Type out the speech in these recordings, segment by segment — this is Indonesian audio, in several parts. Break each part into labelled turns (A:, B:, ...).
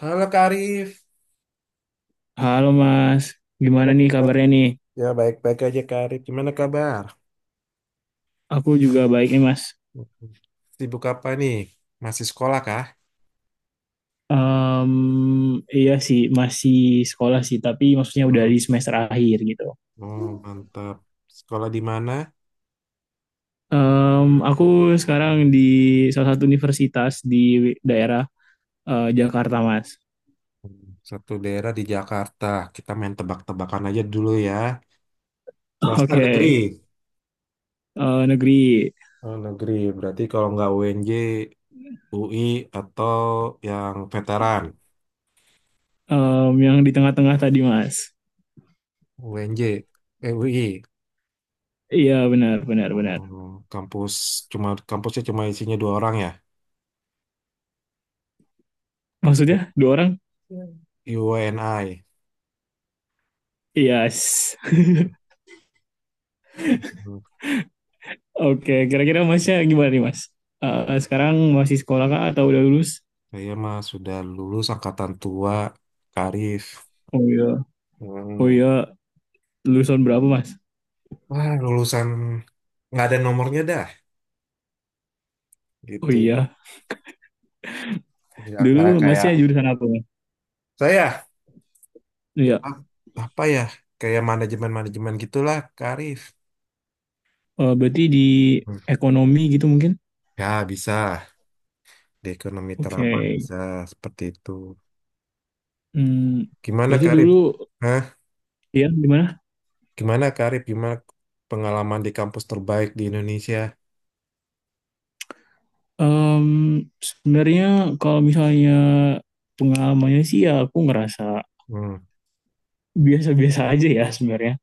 A: Halo Kak Arif,
B: Halo Mas,
A: gimana
B: gimana nih
A: kabar?
B: kabarnya nih?
A: Ya baik-baik aja Kak Arif, gimana kabar?
B: Aku juga baik nih Mas.
A: Hmm. Sibuk apa nih? Masih sekolah kah?
B: Em, iya sih, masih sekolah sih, tapi maksudnya udah
A: Hmm.
B: di semester akhir gitu.
A: Oh mantap. Sekolah di mana?
B: Aku sekarang di salah satu universitas di daerah Jakarta Mas.
A: Satu daerah di Jakarta. Kita main tebak-tebakan aja dulu ya. Swasta
B: Oke,
A: negeri.
B: negeri,
A: Oh negeri, berarti kalau nggak UNJ, UI, atau yang veteran.
B: yang di tengah-tengah tadi Mas.
A: UNJ, eh UI.
B: Iya, benar, benar, benar.
A: Oh, kampus kampusnya cuma isinya dua orang ya?
B: Maksudnya dua orang?
A: Iya. UNI.
B: Yes.
A: Hmm.
B: Oke, kira-kira Masnya gimana nih Mas? Sekarang masih sekolah kah atau udah lulus?
A: Saya mah sudah lulus angkatan tua, Karif.
B: Oh, iya. Oh,
A: Hmm.
B: iya, lulusan berapa Mas?
A: Wah, lulusan nggak ada nomornya dah,
B: Oh,
A: gitu.
B: iya,
A: Ya,
B: dulu
A: kayak
B: Masnya jurusan apa Mas?
A: saya,
B: Iya,
A: a- apa ya, kayak manajemen-manajemen gitulah, Karif.
B: berarti di
A: Hmm.
B: ekonomi gitu mungkin?
A: Ya bisa di ekonomi terapan,
B: Oke,
A: bisa seperti itu.
B: Hmm,
A: Gimana
B: berarti
A: Karif?
B: dulu
A: Hah?
B: ya gimana?
A: Gimana Karif? Gimana pengalaman di kampus terbaik di Indonesia?
B: Em, sebenarnya kalau misalnya pengalamannya sih ya aku ngerasa
A: Hmm.
B: biasa-biasa aja ya sebenarnya,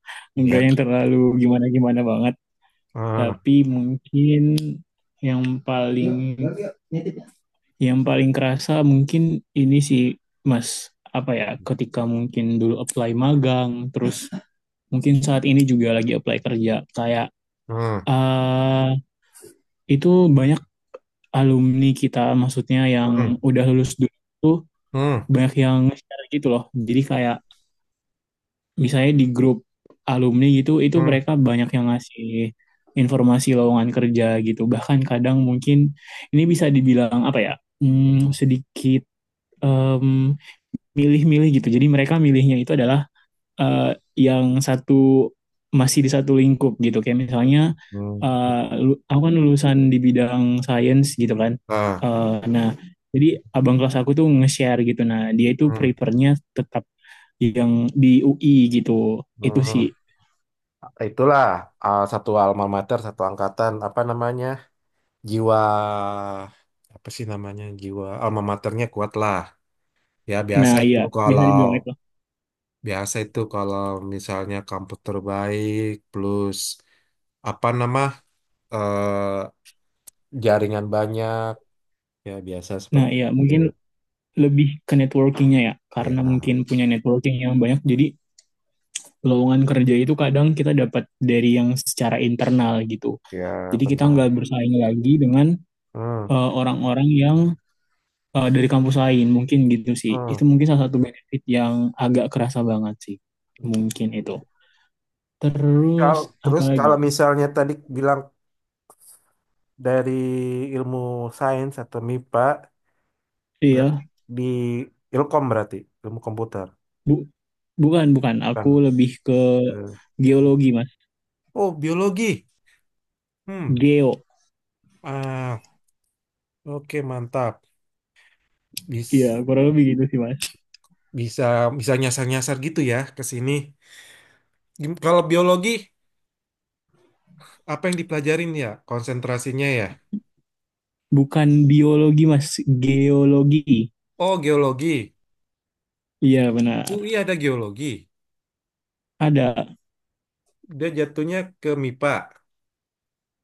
B: nggak
A: Ya.
B: yang terlalu gimana-gimana banget.
A: Ah,
B: Tapi mungkin yang paling Yang paling kerasa mungkin ini sih Mas, apa ya, ketika mungkin dulu apply magang, terus mungkin saat ini juga lagi apply kerja, kayak
A: ah,
B: eh itu banyak alumni kita, maksudnya yang
A: hmm,
B: udah lulus dulu tuh
A: hmm, hmm.
B: banyak yang share gitu loh. Jadi kayak misalnya di grup alumni gitu, itu
A: Hmm.
B: mereka banyak yang ngasih informasi lowongan kerja gitu. Bahkan kadang mungkin ini bisa dibilang apa ya,
A: Betul.
B: sedikit em milih-milih gitu. Jadi mereka milihnya itu adalah eh, yang satu masih di satu lingkup gitu. Kayak misalnya
A: Hmm.
B: eh, aku kan lulusan di bidang sains gitu kan.
A: Nah,
B: Eh, nah, jadi abang kelas aku tuh nge-share gitu. Nah, dia itu
A: hmm,
B: prefernya tetap yang di UI gitu. Itu sih.
A: hmm. Itulah, satu alma mater, satu angkatan, apa namanya? Jiwa apa sih namanya? Jiwa alma maternya kuat lah. Ya biasa
B: Nah,
A: itu
B: iya, bisa
A: kalau
B: dibilang itu.
A: Biasa itu kalau misalnya kampus terbaik plus apa nama eh, jaringan banyak, ya biasa
B: Nah,
A: seperti
B: iya
A: itu.
B: mungkin lebih ke networkingnya ya.
A: Ya,
B: Karena
A: nah,
B: mungkin punya networking yang banyak. Jadi lowongan kerja itu kadang kita dapat dari yang secara internal gitu.
A: ya
B: Jadi kita nggak
A: benar.
B: bersaing lagi dengan
A: Hmm,
B: orang-orang yang dari kampus lain, mungkin gitu sih. Itu
A: hmm.
B: mungkin salah satu benefit yang agak kerasa banget sih, mungkin itu. Terus apa
A: Terus,
B: lagi?
A: kalau misalnya tadi bilang dari ilmu sains atau MIPA,
B: Iya,
A: berarti di Ilkom, berarti ilmu komputer,
B: bu bukan, bukan. Aku
A: kan.
B: lebih ke
A: Eh,
B: geologi Mas,
A: oh biologi. Hmm.
B: geo.
A: ah oke mantap.
B: Iya,
A: Bis-
B: kurang lebih gitu sih Mas.
A: bisa bisa nyasar-nyasar gitu ya ke sini. Kalau biologi apa yang dipelajarin, ya konsentrasinya ya.
B: Bukan biologi Mas, geologi.
A: Oh geologi.
B: Iya, benar.
A: UI ada geologi.
B: Ada.
A: Dia jatuhnya ke MIPA.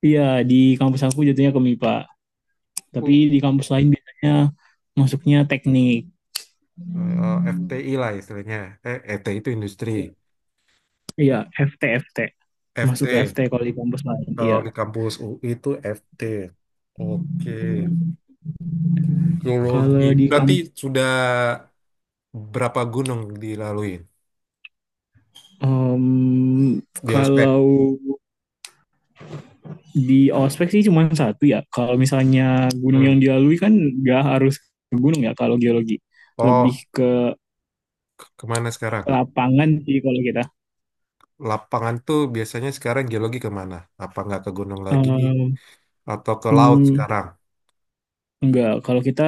B: Iya, di kampus aku jatuhnya ke MIPA, tapi
A: Bu-
B: di kampus lain biasanya masuknya teknik.
A: FTI lah istilahnya. ET itu industri.
B: Iya, FT, FT. Masuk ke FT
A: FT.
B: kalau di kampus lain.
A: Kalau
B: Iya.
A: di kampus UI itu FT. Oke. Geologi.
B: Kalau di
A: Berarti
B: kamp
A: sudah berapa gunung dilalui
B: em,
A: di ospek?
B: kalau di ospek sih cuma satu ya. Kalau misalnya gunung
A: Hmm.
B: yang dilalui kan nggak harus ke gunung ya kalau geologi. Lebih
A: Oh,
B: ke
A: kemana sekarang?
B: lapangan sih kalau kita.
A: Lapangan tuh biasanya sekarang geologi kemana? Apa nggak ke gunung lagi?
B: Em,
A: Atau ke laut
B: hmm,
A: sekarang?
B: nggak. Kalau kita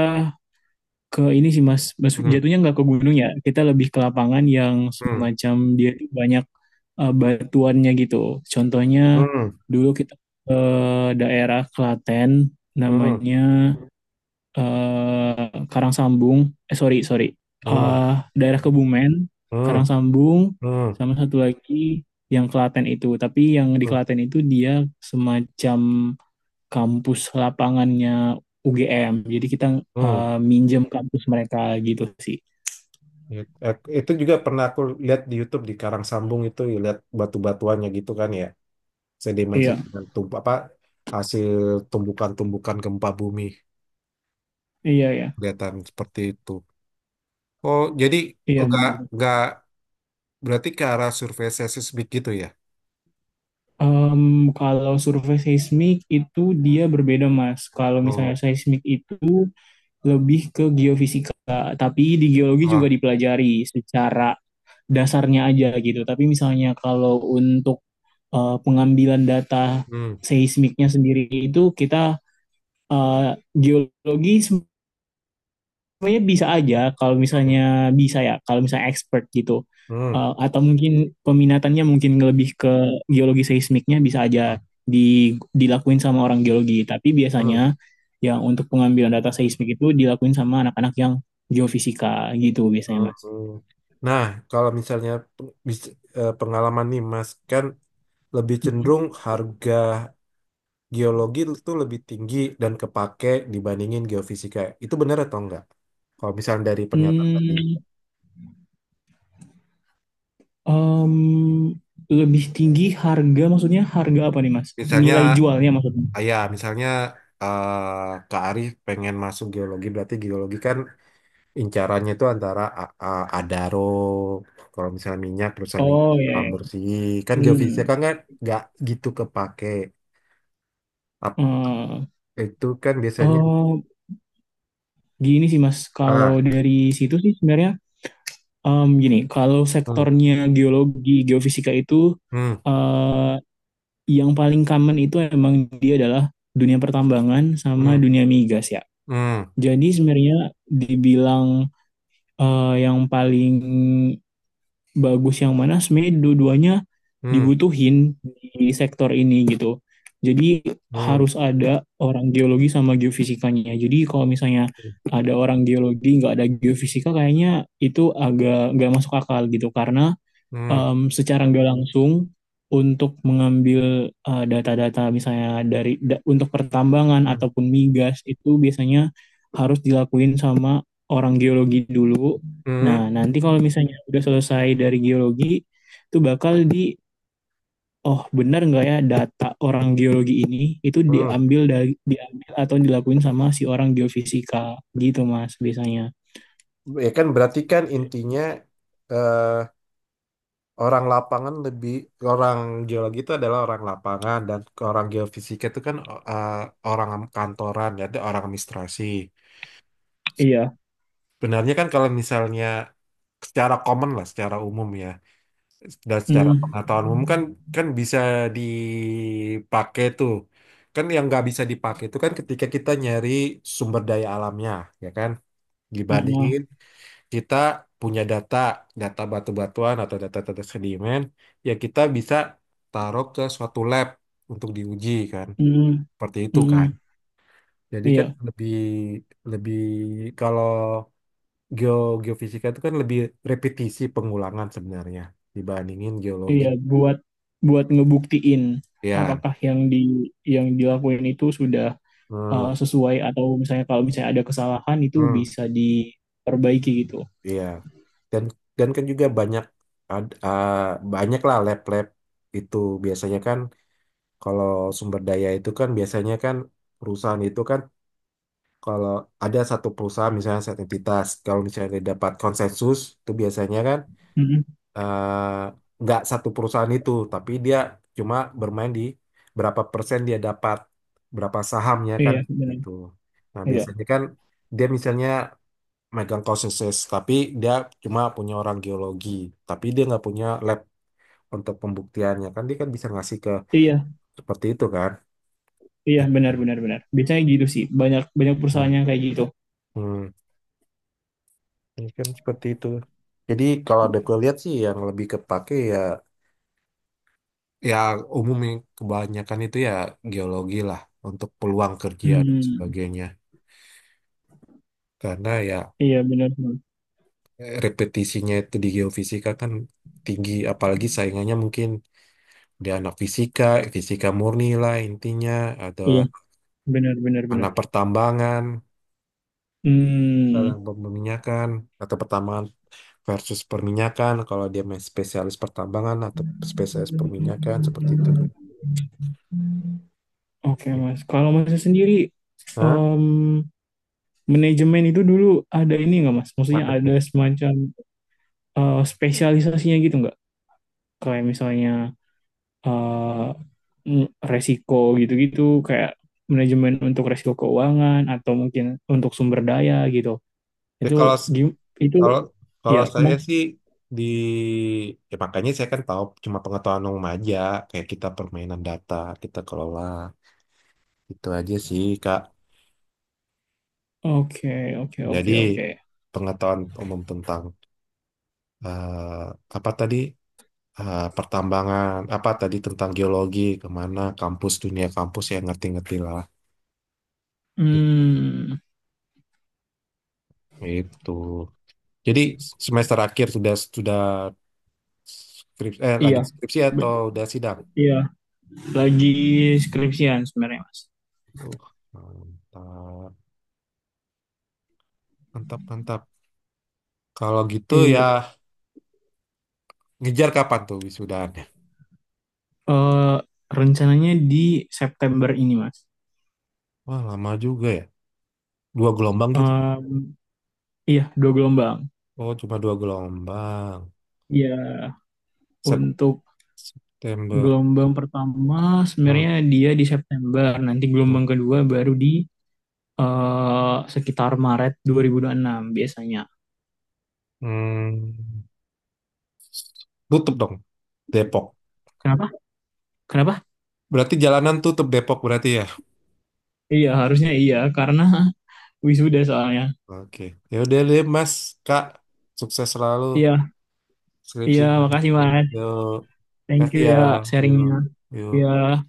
B: ke ini sih Mas
A: Hmm.
B: jatuhnya nggak ke gunung ya, kita lebih ke lapangan yang
A: Hmm.
B: semacam dia tuh banyak batuannya gitu. Contohnya
A: Hmm.
B: dulu kita ke daerah Klaten
A: Hmm.
B: namanya eh, Karang eh sorry, sorry.
A: Hmm.
B: Eh, daerah Kebumen,
A: Hmm.
B: Karangsambung
A: Hmm.
B: sama satu lagi yang Klaten itu. Tapi yang di
A: Hmm.
B: Klaten itu dia semacam kampus lapangannya UGM. Jadi kita
A: Hmm.
B: minjem kampus mereka gitu sih.
A: Ya, itu juga pernah aku lihat di YouTube di Karang Sambung itu ya, lihat batu-batuannya gitu kan ya.
B: Iya,
A: Sedimen-sedimen, tump apa hasil tumbukan-tumbukan gempa bumi,
B: iya, iya,
A: kelihatan seperti itu. Oh, jadi
B: iya,
A: enggak
B: benar.
A: enggak berarti ke arah survei seismik gitu ya?
B: Em, kalau survei seismik itu dia berbeda, Mas. Kalau misalnya
A: Oh.
B: seismik itu lebih ke geofisika, tapi di geologi juga
A: Ah.
B: dipelajari secara dasarnya aja gitu. Tapi misalnya kalau untuk pengambilan data
A: Hmm,
B: seismiknya sendiri itu kita eh, geologi sebenarnya bisa aja kalau
A: hmm,
B: misalnya bisa ya kalau misalnya expert gitu.
A: hmm,
B: Atau mungkin peminatannya mungkin lebih ke geologi seismiknya bisa
A: hmm,
B: aja di, dilakuin sama orang geologi tapi biasanya
A: hmm,
B: yang untuk pengambilan data seismik itu dilakuin sama anak-anak yang geofisika gitu biasanya
A: hmm,
B: Mas.
A: hmm. Nah, kalau misalnya pengalaman nih Mas kan, lebih cenderung harga geologi itu lebih tinggi dan kepake dibandingin geofisika. Itu benar atau enggak? Kalau misalnya dari pernyataan tadi.
B: Hmm, em, lebih tinggi harga maksudnya harga apa nih Mas?
A: Misalnya.
B: Nilai jualnya maksudnya?
A: Ya, misalnya, Kak Arif pengen masuk geologi, berarti geologi kan incarannya itu antara Adaro, kalau misalnya minyak, perusahaan minyak,
B: Oh, ya,
A: alam
B: ya.
A: bersih, kan geofisika
B: Hmm.
A: kan nggak gitu kepake. Ap- Itu kan biasanya,
B: Eh, Gini sih Mas, kalau
A: ah,
B: dari situ sih sebenarnya gini, kalau
A: hmm,
B: sektornya geologi, geofisika itu
A: hmm,
B: eh, yang paling common itu emang dia adalah dunia pertambangan sama
A: hmm,
B: dunia migas ya.
A: hmm,
B: Jadi sebenarnya dibilang yang paling bagus yang mana sebenarnya dua-duanya
A: hmm,
B: dibutuhin di sektor ini gitu. Jadi harus
A: hmm,
B: ada orang geologi sama geofisikanya. Jadi kalau misalnya ada orang geologi nggak ada geofisika kayaknya itu agak nggak masuk akal gitu karena
A: hmm,
B: secara nggak langsung untuk mengambil data-data misalnya untuk pertambangan
A: hmm,
B: ataupun migas itu biasanya harus dilakuin sama orang geologi dulu. Nah,
A: hmm,
B: nanti kalau misalnya udah selesai dari geologi, itu bakal oh benar nggak ya data orang geologi ini itu
A: hmm.
B: diambil atau dilakuin sama si orang geofisika gitu Mas biasanya.
A: Ya kan berarti kan intinya, eh, orang lapangan lebih orang geologi itu adalah orang lapangan, dan orang geofisika itu kan eh, orang kantoran, ya ada orang administrasi.
B: Iya.
A: Benarnya kan kalau misalnya secara common lah, secara umum ya, dan secara
B: Hmm.
A: pengetahuan umum kan kan bisa dipakai tuh. Kan yang nggak bisa dipakai itu kan ketika kita nyari sumber daya alamnya, ya kan? Hmm.
B: Ah, ah.
A: Dibandingin kita punya data, data batu-batuan atau data-data sedimen, ya kita bisa taruh ke suatu lab untuk diuji kan,
B: Hmm.
A: seperti itu kan.
B: Hmm.
A: Jadi kan
B: Iya.
A: lebih lebih kalau geo geofisika itu kan lebih repetisi pengulangan sebenarnya dibandingin geologi.
B: Iya, buat buat ngebuktiin
A: Ya,
B: apakah yang dilakuin itu sudah
A: hmm,
B: sesuai atau misalnya kalau misalnya ada kesalahan itu
A: hmm,
B: bisa diperbaiki gitu.
A: iya. Dan dan kan juga banyak, ad- ah, banyak lah lab-lab itu biasanya kan. Kalau sumber daya itu kan biasanya kan, perusahaan itu kan, kalau ada satu perusahaan misalnya satu entitas, kalau misalnya dia dapat konsensus itu biasanya kan,
B: Mm-mm.
A: nggak satu perusahaan itu, tapi dia cuma bermain di berapa persen dia dapat, berapa sahamnya kan,
B: Iya, benar.
A: gitu. Nah
B: Iya.
A: biasanya kan dia misalnya megang konsensus, tapi dia cuma punya orang geologi, tapi dia nggak punya lab untuk pembuktiannya, kan dia kan bisa ngasih ke,
B: Iya,
A: seperti itu kan.
B: iya,
A: Gitu.
B: benar, benar, benar. Biasanya gitu sih. Banyak banyak perusahaan
A: Hmm.
B: yang kayak gitu.
A: Hmm, ini kan seperti itu. Jadi kalau ada, gue lihat sih yang lebih kepake ya umumnya kebanyakan itu ya geologi lah, untuk peluang kerja dan
B: Hmm.
A: sebagainya. Karena ya,
B: Iya, benar, benar.
A: repetisinya itu di geofisika kan tinggi, apalagi saingannya mungkin di anak fisika, fisika murni lah intinya, atau
B: Iya, benar, benar, benar.
A: anak pertambangan, anak
B: Hmm.
A: perminyakan, atau pertambangan versus perminyakan, kalau dia main spesialis pertambangan atau spesialis perminyakan, seperti itu kan.
B: Oke, Mas. Kalau Mas sendiri
A: Hah?
B: em, manajemen itu dulu ada ini nggak Mas? Maksudnya ada
A: Marketing.
B: semacam spesialisasinya gitu nggak? Kayak misalnya eh, mm, resiko gitu-gitu, kayak manajemen untuk resiko keuangan atau mungkin untuk sumber daya gitu.
A: Ya,
B: Itu
A: kalau
B: gim- itu
A: kalau
B: ya
A: kalau saya
B: Mas.
A: sih di, ya makanya saya kan tahu cuma pengetahuan umum aja, kayak kita permainan data, kita kelola, itu aja sih Kak.
B: Oke, oke, oke,
A: Jadi
B: oke.
A: pengetahuan umum tentang, eh, apa tadi. Pertambangan, apa tadi, tentang geologi, kemana kampus, dunia kampus, ya ngerti-ngerti lah
B: Hmm,
A: itu. Jadi semester akhir sudah skripsi eh lagi
B: iya,
A: skripsi atau
B: Be-
A: udah sidang?
B: iya lagi skripsian sebenarnya Mas.
A: Uh, Mantap, mantap, mantap. Kalau gitu ya,
B: Iya,
A: ngejar kapan tuh wisudaannya?
B: eh, rencananya di September ini Mas.
A: Wah, lama juga ya. Dua gelombang gitu.
B: Em, iya, dua gelombang.
A: Oh, cuma dua gelombang.
B: Iya,
A: Sep
B: untuk
A: September.
B: gelombang pertama
A: Hmm,
B: sebenarnya dia di September, nanti
A: hmm,
B: gelombang kedua baru di sekitar Maret 2026 biasanya.
A: hmm. Tutup dong, Depok.
B: Kenapa? Kenapa?
A: Berarti jalanan tutup Depok berarti ya.
B: Iya, harusnya iya, karena wisuda soalnya.
A: Oke. Ya udah deh, Mas, Kak. Sukses selalu
B: Iya,
A: skripsi.
B: iya, makasih Maret.
A: Yuk,
B: Thank
A: kasih
B: you
A: ya.
B: ya
A: Yuk,
B: sharingnya.
A: yuk.
B: Iya.